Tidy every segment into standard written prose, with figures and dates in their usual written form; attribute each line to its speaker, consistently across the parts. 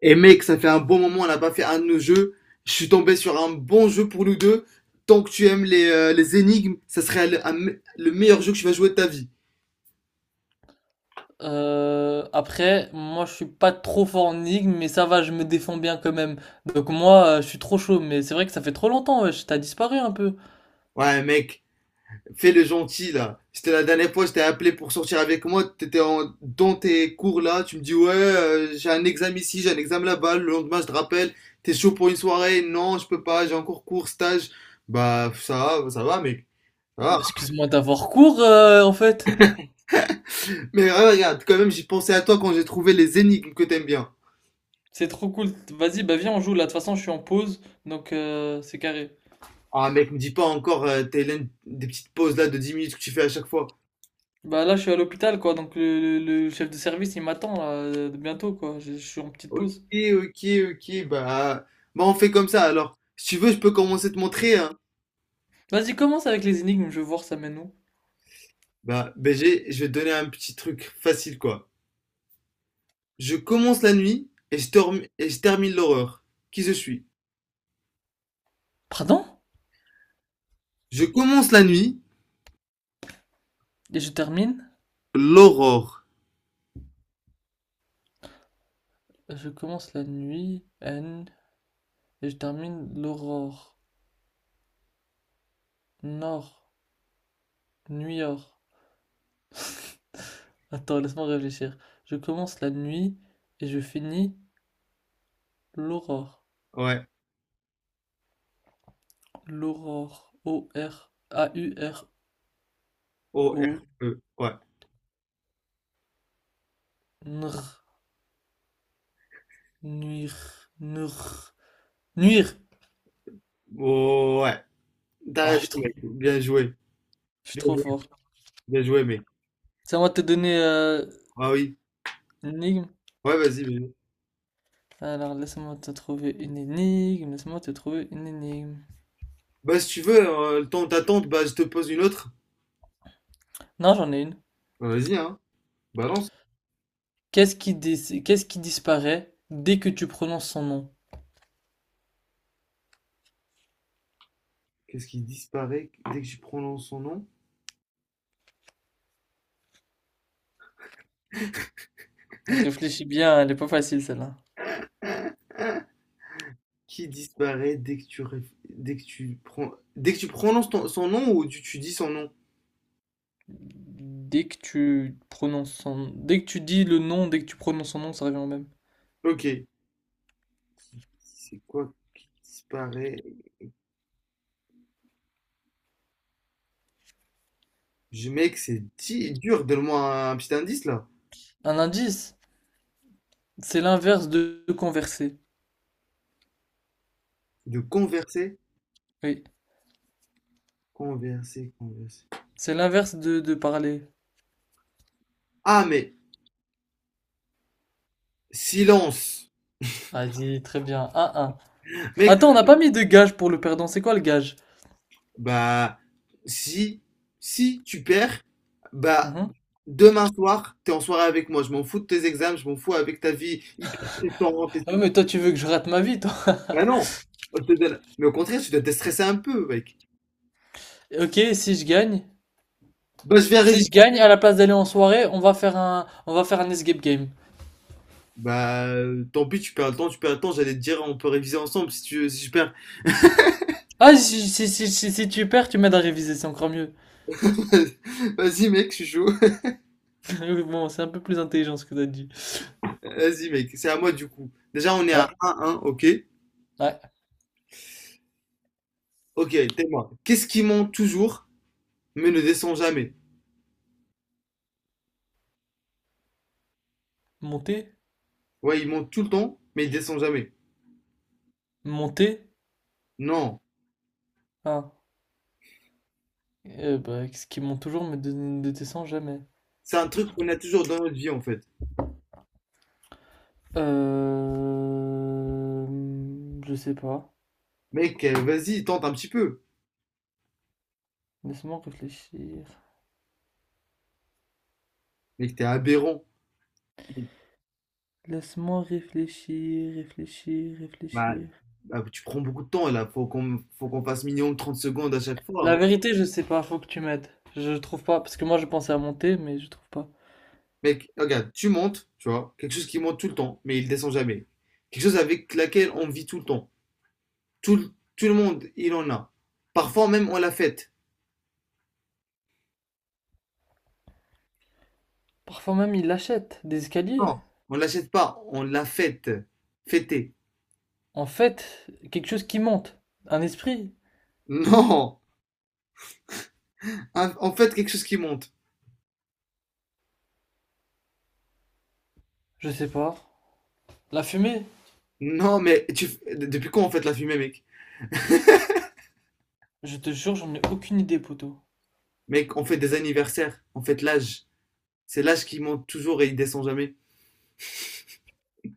Speaker 1: Et mec, ça fait un bon moment, on n'a pas fait un de nos jeux. Je suis tombé sur un bon jeu pour nous deux. Tant que tu aimes les énigmes, ça serait le meilleur jeu que tu vas jouer de ta vie.
Speaker 2: Moi je suis pas trop fort en énigme, mais ça va, je me défends bien quand même. Donc moi, je suis trop chaud, mais c'est vrai que ça fait trop longtemps, wesh, t'as disparu un peu.
Speaker 1: Ouais, mec, fais le gentil là. C'était la dernière fois, je t'ai appelé pour sortir avec moi. T'étais dans tes cours là. Tu me dis, ouais, j'ai un examen ici, j'ai un examen là-bas. Le lendemain, je te rappelle. T'es chaud pour une soirée? Non, je peux pas, j'ai encore cours, stage. Bah, ça va, mec. Ça
Speaker 2: Ah
Speaker 1: va.
Speaker 2: bah, excuse-moi d'avoir cours, en fait.
Speaker 1: Mais regarde, quand même, j'ai pensé à toi quand j'ai trouvé les énigmes que t'aimes bien.
Speaker 2: C'est trop cool. Vas-y, bah viens, on joue là. De toute façon, je suis en pause, donc c'est carré.
Speaker 1: Ah mec, me dis pas encore, Thaïlande, des petites pauses là de 10 minutes que tu fais à chaque fois.
Speaker 2: Bah là, je suis à l'hôpital, quoi, donc le chef de service, il m'attend là, bientôt, quoi. Je suis en petite
Speaker 1: Ok,
Speaker 2: pause.
Speaker 1: ok, ok, bah, bah on fait comme ça alors. Si tu veux, je peux commencer à te montrer, hein.
Speaker 2: Vas-y, commence avec les énigmes, je vais voir ça mène où.
Speaker 1: Bah, BG, je vais te donner un petit truc facile quoi. Je commence la nuit et et je termine l'aurore. Qui je suis?
Speaker 2: Pardon?
Speaker 1: Je commence la nuit,
Speaker 2: Et je termine?
Speaker 1: l'aurore.
Speaker 2: Je commence la nuit, N, et je termine l'aurore. Nord, Nuit-Or. Attends, laisse-moi réfléchir. Je commence la nuit et je finis l'aurore.
Speaker 1: Ouais,
Speaker 2: L'aurore. O-R-A-U-R-O.
Speaker 1: O-R-E, ouais.
Speaker 2: Nr. Nuire. Nr. Nuire.
Speaker 1: Oh, ouais, t'as
Speaker 2: Oh, je
Speaker 1: raison
Speaker 2: suis trop,
Speaker 1: mec, bien joué.
Speaker 2: je suis
Speaker 1: Bien
Speaker 2: trop
Speaker 1: joué,
Speaker 2: fort.
Speaker 1: bien joué mec.
Speaker 2: C'est à moi de te donner
Speaker 1: Ah oui,
Speaker 2: une énigme.
Speaker 1: ouais, vas-y, vas-y.
Speaker 2: Alors, laisse-moi te trouver une énigme. Laisse-moi te trouver une énigme.
Speaker 1: Bah si tu veux, le temps d'attente, bah je te pose une autre.
Speaker 2: Non, j'en ai une.
Speaker 1: Bah, vas-y, hein, balance.
Speaker 2: Qu'est-ce qui disparaît dès que tu prononces son nom?
Speaker 1: Qu'est-ce qui disparaît dès que tu prononces son nom?
Speaker 2: Donc réfléchis bien, elle est pas facile celle-là.
Speaker 1: Qui disparaît dès que tu, dès que tu, dès que tu prononces son nom ou tu dis son nom?
Speaker 2: Dès que tu prononces son... Dès que tu dis le nom, dès que tu prononces son nom, ça revient au même.
Speaker 1: Ok. C'est quoi qui disparaît? Je, mec, c'est dur. Donne-moi un, petit indice là.
Speaker 2: Un indice, c'est l'inverse de converser.
Speaker 1: De converser.
Speaker 2: Oui,
Speaker 1: Converser, converser.
Speaker 2: c'est l'inverse de parler.
Speaker 1: Ah, mais silence!
Speaker 2: Vas-y, très bien. 1-1.
Speaker 1: Mec,
Speaker 2: Attends, on n'a pas mis de gage pour le perdant. C'est quoi le gage?
Speaker 1: bah, si, si tu perds, bah,
Speaker 2: Mhm.
Speaker 1: demain soir, t'es en soirée avec moi. Je m'en fous de tes examens, je m'en fous avec ta vie hyper stressante. Et
Speaker 2: Ah, ouais, mais toi, tu veux que je rate ma vie, toi.
Speaker 1: bah non, je te donne. Mais au contraire, tu dois te stresser un peu, mec.
Speaker 2: Ok, si je gagne.
Speaker 1: Bah, je vais
Speaker 2: Si
Speaker 1: réviser.
Speaker 2: je gagne, à la place d'aller en soirée, on va faire un escape game.
Speaker 1: Bah, tant pis, tu perds le temps, tu perds le temps. J'allais te dire, on peut réviser ensemble si tu, veux, si je perds.
Speaker 2: Ah, si, si, si, si, si si tu perds, tu m'aides à réviser, c'est encore mieux.
Speaker 1: Vas-y, mec, je suis chaud.
Speaker 2: Bon, c'est un peu plus intelligent ce que t'as dit.
Speaker 1: Vas-y, mec, c'est à moi du coup. Déjà, on est à
Speaker 2: Ouais,
Speaker 1: un, ok?
Speaker 2: ouais.
Speaker 1: Ok, t'es moi. Qu'est-ce qui monte toujours, mais ne descend jamais?
Speaker 2: Monter?
Speaker 1: Ouais, il monte tout le temps, mais il descend jamais.
Speaker 2: Monter?
Speaker 1: Non,
Speaker 2: Ah. Ce qui monte toujours mais ne descend jamais.
Speaker 1: c'est un truc qu'on a toujours dans notre vie en fait.
Speaker 2: Euh... Je sais pas.
Speaker 1: Mec, vas-y, tente un petit peu.
Speaker 2: Laisse-moi réfléchir.
Speaker 1: Mec, t'es aberrant.
Speaker 2: Laisse-moi réfléchir, réfléchir,
Speaker 1: Bah,
Speaker 2: réfléchir.
Speaker 1: bah, tu prends beaucoup de temps là, faut qu'on passe minimum 30 secondes à chaque fois, hein.
Speaker 2: La vérité, je sais pas, faut que tu m'aides. Je trouve pas, parce que moi je pensais à monter, mais je trouve pas.
Speaker 1: Mec, regarde, tu montes, tu vois, quelque chose qui monte tout le temps, mais il descend jamais. Quelque chose avec laquelle on vit tout le temps. Tout, le- tout le monde, il en a. Parfois même, on la fête.
Speaker 2: Parfois même, il achète des escaliers.
Speaker 1: Non, on l'achète pas, on la fête. Fêter.
Speaker 2: En fait, quelque chose qui monte. Un esprit.
Speaker 1: Non, on fête quelque chose qui monte.
Speaker 2: Je sais pas. La fumée.
Speaker 1: Non, mais tu, depuis quand on fête la fumée, mec?
Speaker 2: Je te jure, j'en ai aucune idée, poteau.
Speaker 1: Mec, on fait des anniversaires, on fête l'âge. C'est l'âge qui monte toujours et il descend jamais.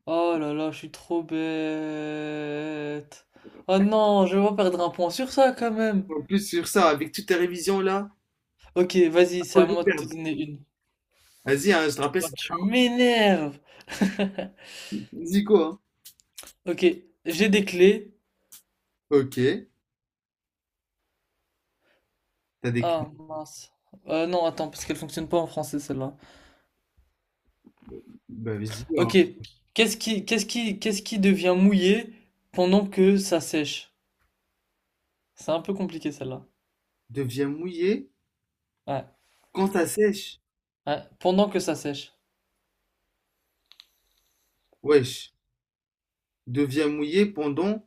Speaker 2: Oh là là, je suis trop bête. Oh non, je vais pas perdre un point sur ça quand même.
Speaker 1: En plus, sur ça, avec toutes tes révisions là,
Speaker 2: Ok, vas-y, c'est
Speaker 1: oh,
Speaker 2: à
Speaker 1: je vais
Speaker 2: moi de te
Speaker 1: perdre.
Speaker 2: donner une.
Speaker 1: Vas-y, hein, je te rappelle,
Speaker 2: Oh,
Speaker 1: c'est
Speaker 2: tu m'énerves.
Speaker 1: Zico, hein.
Speaker 2: Ok, j'ai des clés.
Speaker 1: Ok, t'as des clés.
Speaker 2: Ah mince. Non, attends, parce qu'elle fonctionne pas en français celle-là.
Speaker 1: Bah vas-y, hein.
Speaker 2: Ok, qu'est-ce qui devient mouillé pendant que ça sèche? C'est un peu compliqué celle-là.
Speaker 1: Deviens mouillé
Speaker 2: Ouais.
Speaker 1: quand ça sèche.
Speaker 2: Ouais, pendant que ça sèche.
Speaker 1: Wesh, deviens mouillé pendant.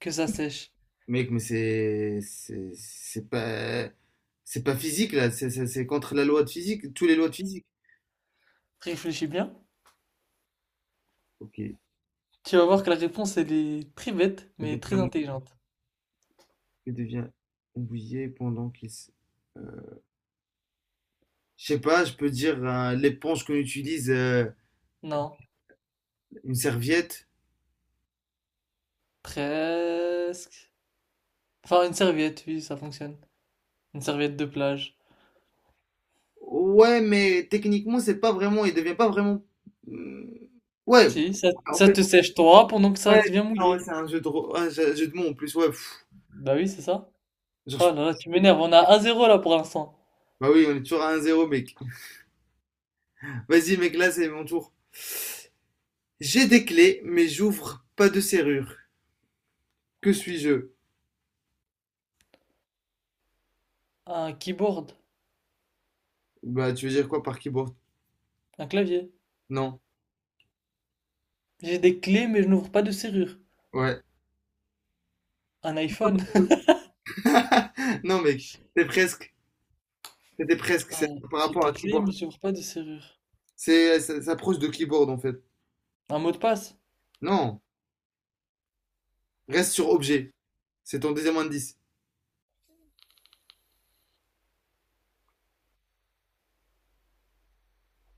Speaker 2: Que ça sèche.
Speaker 1: Mec, mais c'est. C'est pas. C'est pas physique là, c'est contre la loi de physique, toutes les lois de physique.
Speaker 2: Réfléchis bien.
Speaker 1: Ok,
Speaker 2: Tu vas voir que la réponse, elle est très bête,
Speaker 1: ça
Speaker 2: mais très
Speaker 1: devient,
Speaker 2: intelligente.
Speaker 1: ça devient mouillé pendant qu'il. Euh, Je sais pas, je peux dire l'éponge qu'on utilise,
Speaker 2: Non,
Speaker 1: une serviette.
Speaker 2: presque. Enfin, une serviette, oui, ça fonctionne. Une serviette de plage.
Speaker 1: Ouais, mais techniquement, c'est pas vraiment, il devient pas vraiment. Hmm, ouais,
Speaker 2: Si, ça,
Speaker 1: en
Speaker 2: ça
Speaker 1: fait,
Speaker 2: te sèche toi pendant que ça
Speaker 1: ouais,
Speaker 2: devient
Speaker 1: non, ouais,
Speaker 2: mouillé.
Speaker 1: c'est un jeu de, un jeu de mots en plus, ouais. Pff.
Speaker 2: Bah oui, c'est ça.
Speaker 1: Genre,
Speaker 2: Oh
Speaker 1: je-
Speaker 2: là là, tu m'énerves, on a 1-0 là pour l'instant.
Speaker 1: Bah oui, on est toujours à un zéro, mec. Vas-y, mec, là, c'est mon tour. J'ai des clés, mais j'ouvre pas de serrure. Que suis-je?
Speaker 2: Un keyboard,
Speaker 1: Bah, tu veux dire quoi par keyboard?
Speaker 2: un clavier.
Speaker 1: Non,
Speaker 2: J'ai des clés mais je n'ouvre pas de serrure.
Speaker 1: ouais.
Speaker 2: Un iPhone.
Speaker 1: Non, mec, c'est presque. C'était presque, c'est par
Speaker 2: J'ai
Speaker 1: rapport à
Speaker 2: des clés
Speaker 1: keyboard.
Speaker 2: mais j'ouvre pas de serrure.
Speaker 1: C'est, ça s'approche de keyboard en fait.
Speaker 2: Un mot de passe.
Speaker 1: Non. Reste sur objet. C'est ton deuxième indice.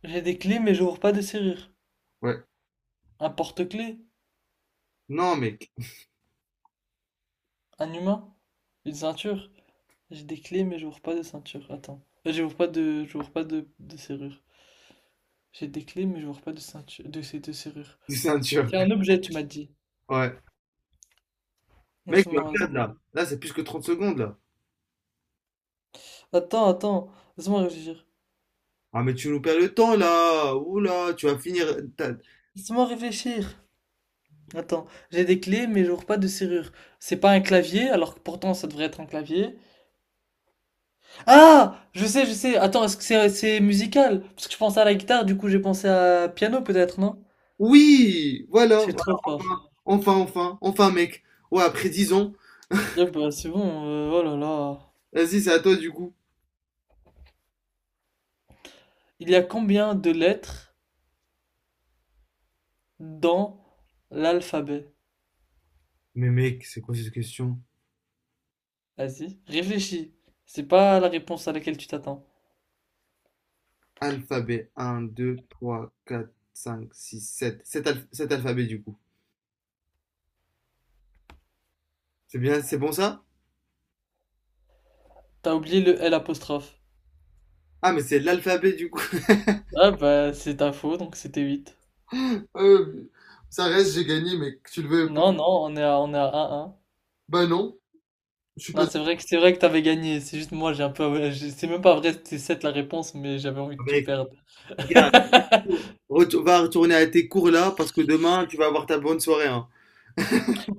Speaker 2: J'ai des clés mais j'ouvre pas de serrure.
Speaker 1: Ouais.
Speaker 2: Un porte-clés,
Speaker 1: Non, mec.
Speaker 2: un humain, une ceinture. J'ai des clés mais j'ouvre pas de ceinture. Attends. J'ouvre pas de, j'ouvre pas de serrure. J'ai des clés, mais je vois pas de ceinture, de serrure.
Speaker 1: C'est un tueur.
Speaker 2: C'est un objet, tu m'as dit.
Speaker 1: Ouais. Mec, tu vas perdre
Speaker 2: Laisse-moi.
Speaker 1: là. Là, c'est plus que 30 secondes là.
Speaker 2: Attends, attends. Laisse-moi réfléchir.
Speaker 1: Ah, mais tu nous perds le temps là. Oula, tu vas finir. ta-
Speaker 2: Laisse-moi réfléchir. Attends, j'ai des clés, mais je vois pas de serrure. C'est pas un clavier, alors que pourtant ça devrait être un clavier. Ah! Je sais, je sais. Attends, est-ce que c'est musical? Parce que je pensais à la guitare, du coup j'ai pensé à piano peut-être, non?
Speaker 1: Oui, voilà.
Speaker 2: C'est trop
Speaker 1: Voilà,
Speaker 2: fort.
Speaker 1: enfin, enfin, enfin, enfin, mec. Ouais, après 10 ans.
Speaker 2: Ah bah, c'est bon, oh là là.
Speaker 1: Vas-y, c'est à toi du coup.
Speaker 2: Il y a combien de lettres dans l'alphabet?
Speaker 1: Mais mec, c'est quoi cette question?
Speaker 2: Vas-y, réfléchis. C'est pas la réponse à laquelle tu t'attends.
Speaker 1: Alphabet 1, 2, 3, 4, 5, 6, sept, 7 alphabets du coup. C'est bien, c'est bon ça?
Speaker 2: T'as oublié le L apostrophe.
Speaker 1: Ah, mais c'est l'alphabet du coup.
Speaker 2: Ah bah c'est ta faux, donc c'était 8.
Speaker 1: Euh, ça reste, j'ai gagné, mais que tu le veux pas.
Speaker 2: Non, non, on est à 1-1.
Speaker 1: Bah non, je suis
Speaker 2: Non,
Speaker 1: pas.
Speaker 2: c'est vrai que t'avais gagné. C'est juste moi, j'ai un peu. J'ai- c'est même pas vrai, c'était 7 la réponse, mais j'avais envie que tu
Speaker 1: Mais
Speaker 2: perdes.
Speaker 1: regarde, va retourner à tes cours là parce que demain tu vas avoir ta bonne soirée, hein.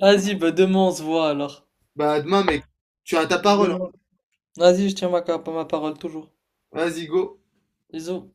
Speaker 2: Vas-y, bah demain on se voit alors.
Speaker 1: Bah demain, mec, tu as ta parole, hein.
Speaker 2: Demain. Vas-y, je tiens ma, ma parole toujours.
Speaker 1: Vas-y, go.
Speaker 2: Bisous.